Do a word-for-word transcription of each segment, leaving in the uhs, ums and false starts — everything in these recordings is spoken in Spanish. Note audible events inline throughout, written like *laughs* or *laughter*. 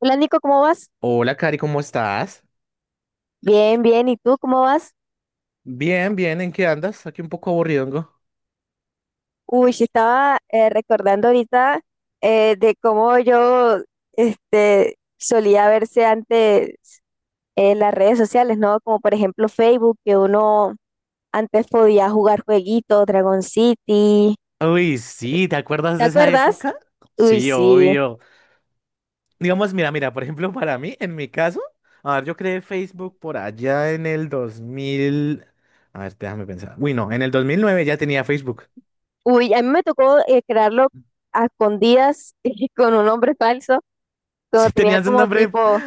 Hola, Nico, ¿cómo vas? Hola, Cari, ¿cómo estás? Bien, bien. ¿Y tú cómo vas? Bien, bien, ¿en qué andas? Aquí un poco aburrido. Uy, sí, estaba eh, recordando ahorita eh, de cómo yo este, solía verse antes en las redes sociales, ¿no? Como por ejemplo Facebook, que uno antes podía jugar jueguitos, Dragon City. Uy, sí, ¿te acuerdas ¿Te de esa acuerdas? época? Uy, Sí, sí. obvio. Digamos, mira, mira, por ejemplo, *laughs* para mí, en mi caso, a ver, yo creé Facebook por allá en el dos mil. A ver, déjame pensar. Uy, no, en el dos mil nueve ya tenía Facebook. Uy, a mí me tocó eh, crearlo a escondidas *laughs* con un nombre falso, *laughs* cuando ¿Sí tenía tenías un como nombre? tipo.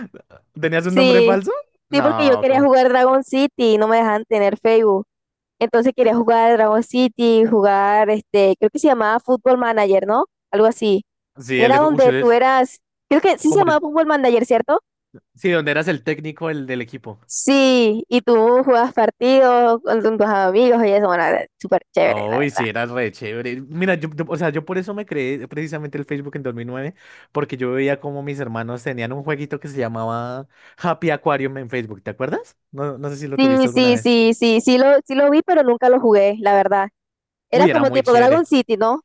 ¿Tenías un nombre Sí, falso? sí, porque yo No, quería como. jugar Dragon City y no me dejaban tener Facebook. Entonces quería jugar Dragon City, jugar, este, creo que se llamaba Football Manager, ¿no? Algo así. Sí, el Era de... Uy, donde tú eres eras, creo que sí se como llamaba el... Football Manager, ¿cierto? Sí, donde eras el técnico, el del equipo. Sí, y tú jugabas partidos con con tus amigos y eso, bueno, era súper chévere, la Uy, verdad. sí, era re chévere. Mira, yo, yo- o sea, yo por eso me creé precisamente el Facebook en dos mil nueve, porque yo veía como mis hermanos tenían un jueguito que se llamaba Happy Aquarium en Facebook, ¿te acuerdas? No, no sé si lo Sí, tuviste alguna sí, vez. sí, sí, sí lo, sí lo vi, pero nunca lo jugué, la verdad. Era Uy, era como muy tipo chévere. Dragon City, ¿no?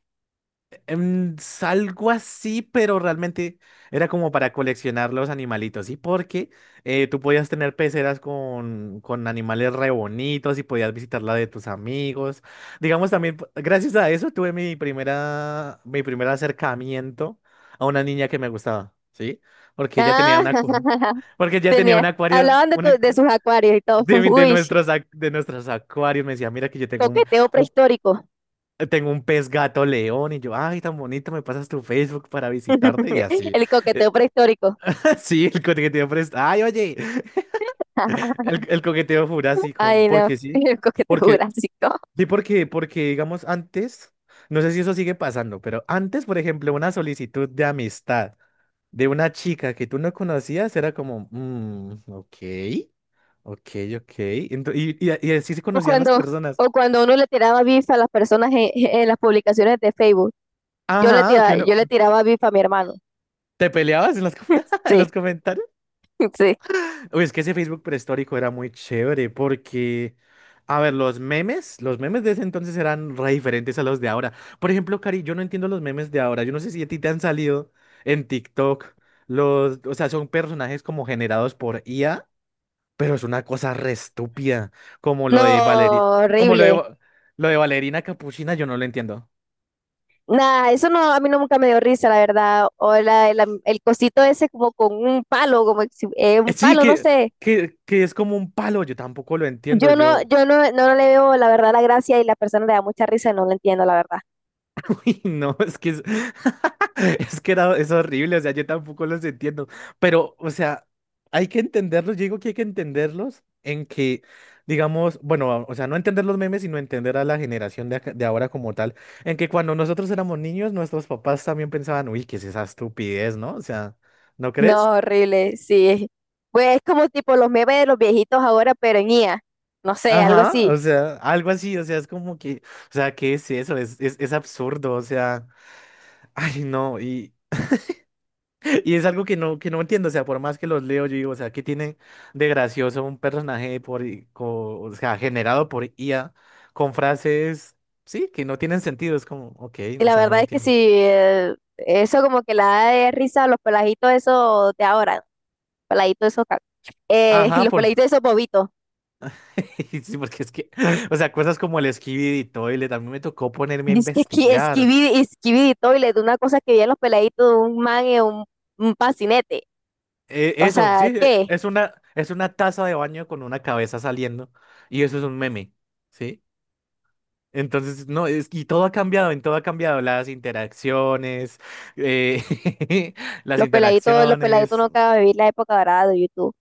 Em, Algo así, pero realmente era como para coleccionar los animalitos, ¿sí? Porque eh, tú podías tener peceras con, con animales re bonitos y podías visitar la de tus amigos. Digamos también, p- gracias a eso tuve mi primera, mi primer acercamiento a una niña que me gustaba, ¿sí? Porque ella tenía Ah, una, acu- *laughs* porque ella tenía un tenía, acuario, hablaban de, tu- una, de sus acuarios y todo. de, *laughs* mi- de Uy, nuestros, ac- de nuestros acuarios. Me decía, mira que yo tengo un, coqueteo prehistórico. tengo un pez gato león y yo, ay, tan bonito, me pasas tu Facebook para visitarte y *laughs* así. El coqueteo Eh, prehistórico. *laughs* sí, el coqueteo fres- ay, oye, *laughs* el, el coqueteo jurásico, Ay, no. porque *laughs* sí, El coqueteo porque, jurásico. sí, porque, porque digamos antes, no sé si eso sigue pasando, pero antes, por ejemplo, una solicitud de amistad de una chica que tú no conocías era como, "Mm, ok, ok, ok." Ento- y, y, y así se O conocían las cuando, personas. o cuando uno le tiraba bif a las personas en, *laughs* en las publicaciones de Facebook. Yo le Ajá, que tiraba, uno, yo le tiraba bif a mi hermano. ¿te peleabas en los, com- *laughs* en los *laughs* comentarios? Sí, sí. Uy, es que ese Facebook prehistórico era muy chévere porque, a ver, los memes, los memes de ese entonces eran re diferentes a los de ahora. Por ejemplo, Cari, yo no entiendo los memes de ahora. Yo no sé si a ti te han salido en TikTok los, o sea, son personajes como generados por I A, pero es una cosa re estúpida, como lo No, de Valeria, como lo de, horrible. Va- lo de Valerina Capuchina, yo no lo entiendo. Nada, eso no, a mí no nunca me dio risa, la verdad. O la, la- el cosito ese como con un palo, como si- eh, Eh, un Sí, palo, no que, sé. que, que es como un palo, yo tampoco lo entiendo, Yo no, yo. yo no, no le veo la verdad la gracia y la persona le da mucha risa y no lo entiendo, la verdad. *laughs* Y no, es que es, *laughs* es que era, es horrible, o sea, yo tampoco los entiendo, pero, o sea, hay que entenderlos, yo digo que hay que entenderlos en que, digamos, bueno, o sea, no entender los memes, sino entender a la generación de, acá- de ahora como tal, en que cuando nosotros éramos niños, nuestros papás también pensaban, uy, ¿qué es esa estupidez, no? O sea, ¿no crees? No, horrible, sí. Pues es como tipo los memes de los viejitos ahora, pero en I A. No sé, algo Ajá, así. o sea, algo así, o sea, es como que, o sea, ¿qué es eso? Es, es, es absurdo, o sea, *laughs* ay, no, y es algo que no, que no, entiendo, o sea, por más que los leo, yo digo, o sea, ¿qué tiene de gracioso un personaje por, i- co- o sea, generado por I A con frases, sí, que no tienen sentido? Es como, ok, Y o la sea, no verdad es que sí, entiendo. eh, eso como que la da de risa a los peladitos esos de ahora. Peladitos esos, ca- eh, *laughs* Ajá, los por... peladitos esos bobitos. *laughs* sí, porque es que, *laughs* o sea, cosas como el Skibidi y Toilet, a mí me tocó ponerme a Dice que esqui- investigar. esquividi, esquividi toilet, una cosa que vi en los peladitos, un man y un, un patinete. Eh, O Eso, sí, sea, eh, ¿qué? es una, es una taza de baño con una cabeza saliendo y eso es un meme, ¿sí? Entonces, no, es, y todo ha cambiado, en todo ha cambiado, las interacciones, eh, *laughs* las Los peladitos, los peladitos interacciones nunca van a vivir la época dorada de YouTube.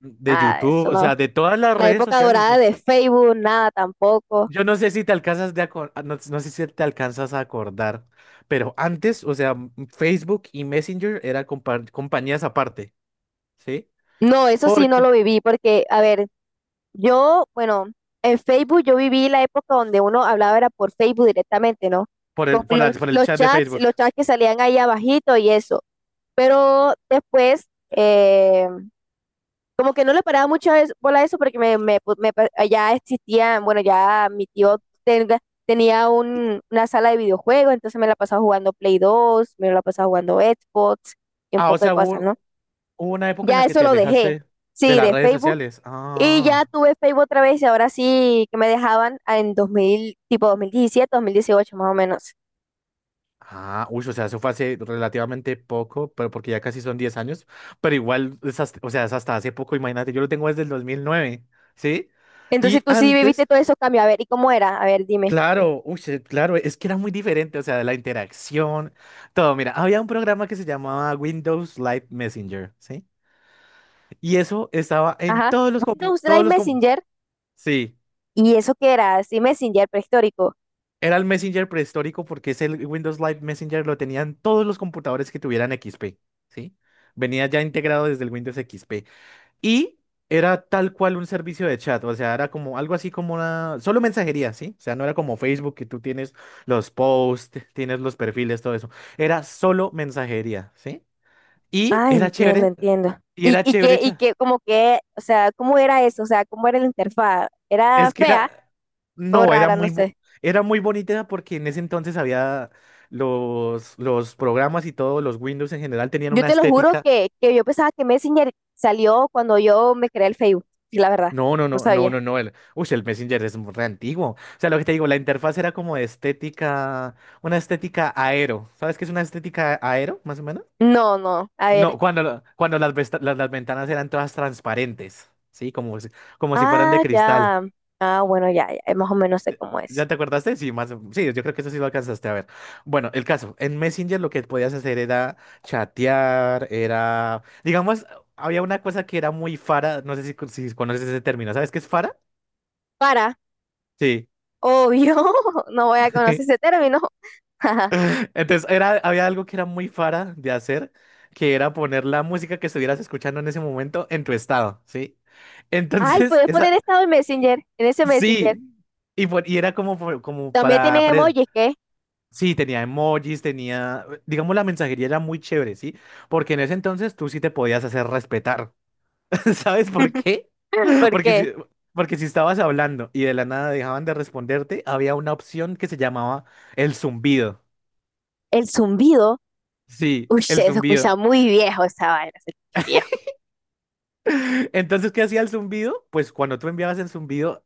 de Ah, YouTube, eso o no. sea, de todas las La redes época sociales. dorada es- de Facebook, nada tampoco. Yo no sé si te alcanzas de acor- ah, no, no sé si te alcanzas a acordar, pero antes, o sea, m- Facebook y Messenger eran compa- compañías aparte, ¿sí? No, eso sí no Porque, lo viví, porque, a ver, yo, bueno, en Facebook yo viví la época donde uno hablaba era por Facebook directamente, ¿no? por Con el, por la- los, por el los chat de chats, Facebook. los chats que salían ahí abajito y eso. Pero después, eh, como que no le paraba mucho a eso- bola a eso, porque me, me, pu- me pa- ya existía, bueno, ya mi tío tenga- tenía un, una sala de videojuegos, entonces me la pasaba jugando Play dos, me la pasaba jugando Xbox y un Ah, o poco de sea, cosas, ¿no? hubo, hubo una época en Ya la que eso te lo dejé. alejaste de Sí, las de redes Facebook. sociales. Y Ah. ya tuve Facebook otra vez y ahora sí que me dejaban en dos mil tipo dos dos mil diecisiete, dos mil dieciocho más o menos. Ah, uy, o sea, eso fue hace relativamente poco, pero porque ya casi son diez años, pero igual, es hasta- o sea, es hasta hace poco, imagínate, yo lo tengo desde el dos mil nueve, ¿sí? Entonces Y tú sí viviste antes, todos esos cambios. A ver, ¿y cómo era? A ver, dime. claro, uy, sí, claro, es que era muy diferente, o sea, de la interacción, todo, mira, había un programa que se llamaba Windows Live Messenger, ¿sí? Y eso estaba en Ajá. todos los, compu- Windows Live todos los, com- Messenger. sí. ¿Y eso qué era? Sí, Messenger prehistórico. Era el Messenger prehistórico porque ese Windows Live Messenger lo tenían todos los computadores que tuvieran equis pe, ¿sí? Venía ya integrado desde el Windows equis pe. Y era tal cual un servicio de chat, o sea, era como algo así como una... Solo mensajería, ¿sí? O sea, no era como Facebook que tú tienes los posts, tienes los perfiles, todo eso. Era solo mensajería, ¿sí? Y Ah, era entiendo, chévere, entiendo. y ¿Y, era y chévere, qué, y cha- qué, como que, o sea, cómo era eso? O sea, ¿cómo era la interfaz? ¿Era Es que fea era, o no, era rara? No muy, bo- sé. era muy bonita porque en ese entonces había los, los programas y todo los Windows en general tenían Yo una te lo juro estética. que, que yo pensaba que Messenger salió cuando yo me creé el Facebook. Y la verdad, No, no, no no, no, sabía. no, no. El, uy, el Messenger es re antiguo. O sea, lo que te digo, la interfaz era como de estética, una estética aero. ¿Sabes qué es una estética aero, más o menos? No, no. A ver. No, cuando, la- cuando las, vesta- las, las ventanas eran todas transparentes, ¿sí? Como si, como si fueran de Ah, cristal. ya. Ah, bueno, ya, ya, eh, más o menos sé cómo es. ¿Ya te acordaste? Sí, más, sí, yo creo que eso sí lo alcanzaste a ver. Bueno, el caso, en Messenger lo que podías hacer era chatear, era, digamos, había una cosa que era muy fara, no sé si, con- si conoces ese término, ¿sabes qué es fara? Para, Sí. obvio, *laughs* no voy a conocer ese *laughs* término. *laughs* Entonces, era, había algo que era muy fara de hacer, que era poner la música que estuvieras escuchando en ese momento en tu estado, ¿sí? Ay, Entonces, *laughs* puedes poner esa, estado en Messenger, en ese Messenger. sí, y, por- y era como, por- como También tienen para, emojis, ¿qué? sí, tenía emojis, tenía, digamos, la mensajería era muy chévere, ¿sí? Porque en ese entonces tú sí te podías hacer respetar. *laughs* ¿Sabes por qué? *laughs* *laughs* ¿Por Porque qué? si, porque si estabas hablando y de la nada dejaban de responderte, había una opción que se llamaba el zumbido. El zumbido, Sí, uy, el se escucha zumbido. muy viejo esa vaina, se escucha viejo. *laughs* Entonces, ¿qué hacía el zumbido? Pues cuando tú enviabas el zumbido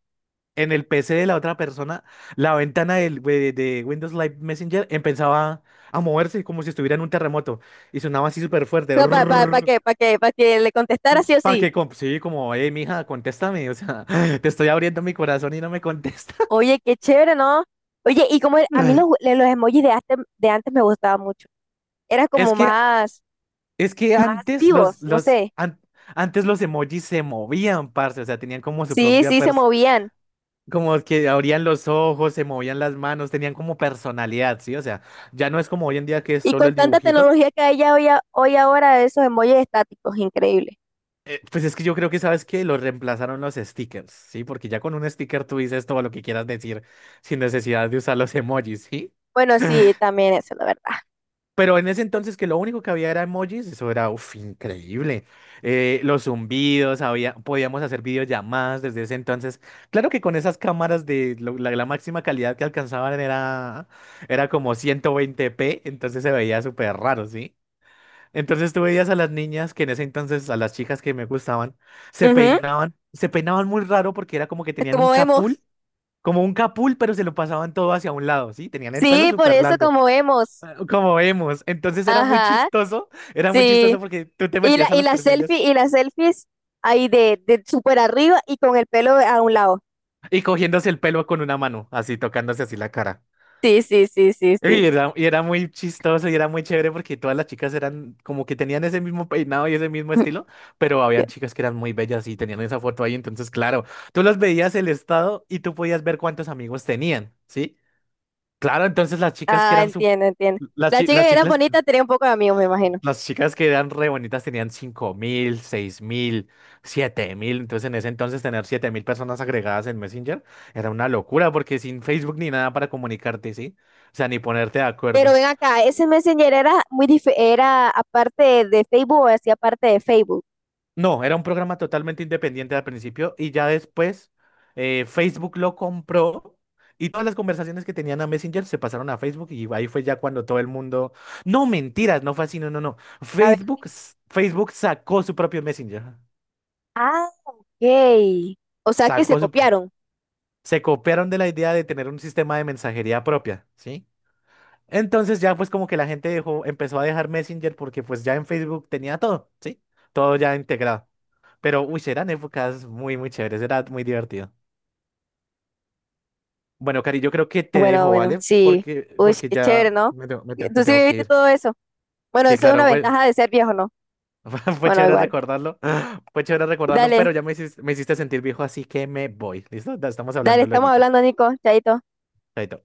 en el pe ce de la otra persona, la ventana del- de, de Windows Live Messenger empezaba a moverse como si estuviera en un terremoto y sonaba así súper fuerte. ¿Para pa, pa pa qué? *laughs* ¿Para qué? ¿Para que le contestara sí o Pa' sí? que, com- sí, como, eh, mija, contéstame, o sea, *laughs* te estoy abriendo mi corazón y no me contesta. Oye, qué chévere, ¿no? Oye, y como el- a mí los, *laughs* los emojis de antes, de antes me gustaban mucho. Eran Es como que, más, es que más antes los, vivos, no los, sé. an- antes los emojis se movían, parce, o sea, tenían como su Sí, propia sí, se pers, movían. como que abrían los ojos, se movían las manos, tenían como personalidad, ¿sí? O sea, ya no es como hoy en día que es Y solo con el tanta dibujito. tecnología que hay ya hoy, a- hoy ahora, esos emojis estáticos, increíble. Eh, pues es que yo creo que, ¿sabes que los reemplazaron los stickers, ¿sí? Porque ya con un sticker tú dices todo lo que quieras decir sin necesidad de usar los emojis, ¿sí? Bueno, *laughs* sí, también eso, la verdad. Pero en ese entonces que lo único que había era emojis, eso era uf, increíble. Eh, los zumbidos, había, podíamos hacer videollamadas desde ese entonces. Claro que con esas cámaras de lo- la, la máxima calidad que alcanzaban era, era como ciento veinte p, entonces se veía súper raro, ¿sí? Entonces tú veías a las niñas que en ese entonces, a las chicas que me gustaban, se Ujú. peinaban, se peinaban muy raro porque era como que Es tenían un como vemos. capul, como un capul, pero se lo pasaban todo hacia un lado, ¿sí? Tenían el pelo Sí, por súper eso largo. como vemos. Ah, como vemos. Entonces era muy Ajá, chistoso, era muy chistoso sí. porque tú te Y la, metías a y los la perfiles selfie, y las selfies ahí de, de súper arriba y con el pelo a un lado. y cogiéndose el pelo con una mano, así tocándose así la cara. Sí, sí, sí, sí, sí. Y era, y era muy chistoso y era muy chévere porque todas las chicas eran como que tenían ese mismo peinado y ese mismo *laughs* estilo, pero Ya. había chicas que eran muy bellas y tenían esa foto ahí. Entonces, claro, tú los veías el estado y tú podías ver cuántos amigos tenían, ¿sí? Claro, entonces las chicas que Ah, eran su... entiendo, entiendo. Las, Las chi- chicas las que eran chicas, bonitas tenían un poco de amigos, me imagino. Las chicas que eran re bonitas tenían cinco mil, seis mil, siete mil. Entonces, en ese entonces, tener siete mil personas agregadas en Messenger era una locura, porque sin Facebook ni nada para comunicarte, ¿sí? O sea, ni ponerte de Pero acuerdo. ven acá, ese Messenger era muy dif- era aparte de Facebook o hacía parte de Facebook. No, era un programa totalmente independiente al principio y ya después eh, Facebook lo compró y todas las conversaciones que tenían a Messenger se pasaron a Facebook y ahí fue ya cuando todo el mundo. No, mentiras, no fue así, no, no, no. A ver, Facebook, s- Facebook sacó su propio Messenger. ah, ok. O sea que se Sacó su. copiaron. Se copiaron de la idea de tener un sistema de mensajería propia, ¿sí? Entonces ya pues como que la gente dejó, empezó a dejar Messenger porque pues ya en Facebook tenía todo, ¿sí? Todo ya integrado. Pero, uy, eran épocas muy, muy chéveres, era muy divertido. Bueno, Cari, yo creo que te Bueno, dejo, bueno, ¿vale? sí. Porque, Uy, porque qué chévere, ya ¿no? me tengo, me tengo- me Tú sí tengo que viviste ir. todo eso. Bueno, Sí, eso es una claro, fue, ventaja de ser viejo, ¿no? *laughs* fue Bueno, chévere igual. recordarlo, *laughs* fue chévere recordarlo, Dale, pero ya me hiciste, me hiciste sentir viejo, así que me voy. ¿Listo? Estamos dale, hablando luego. estamos hablando, Nico. Chaito. Chaito.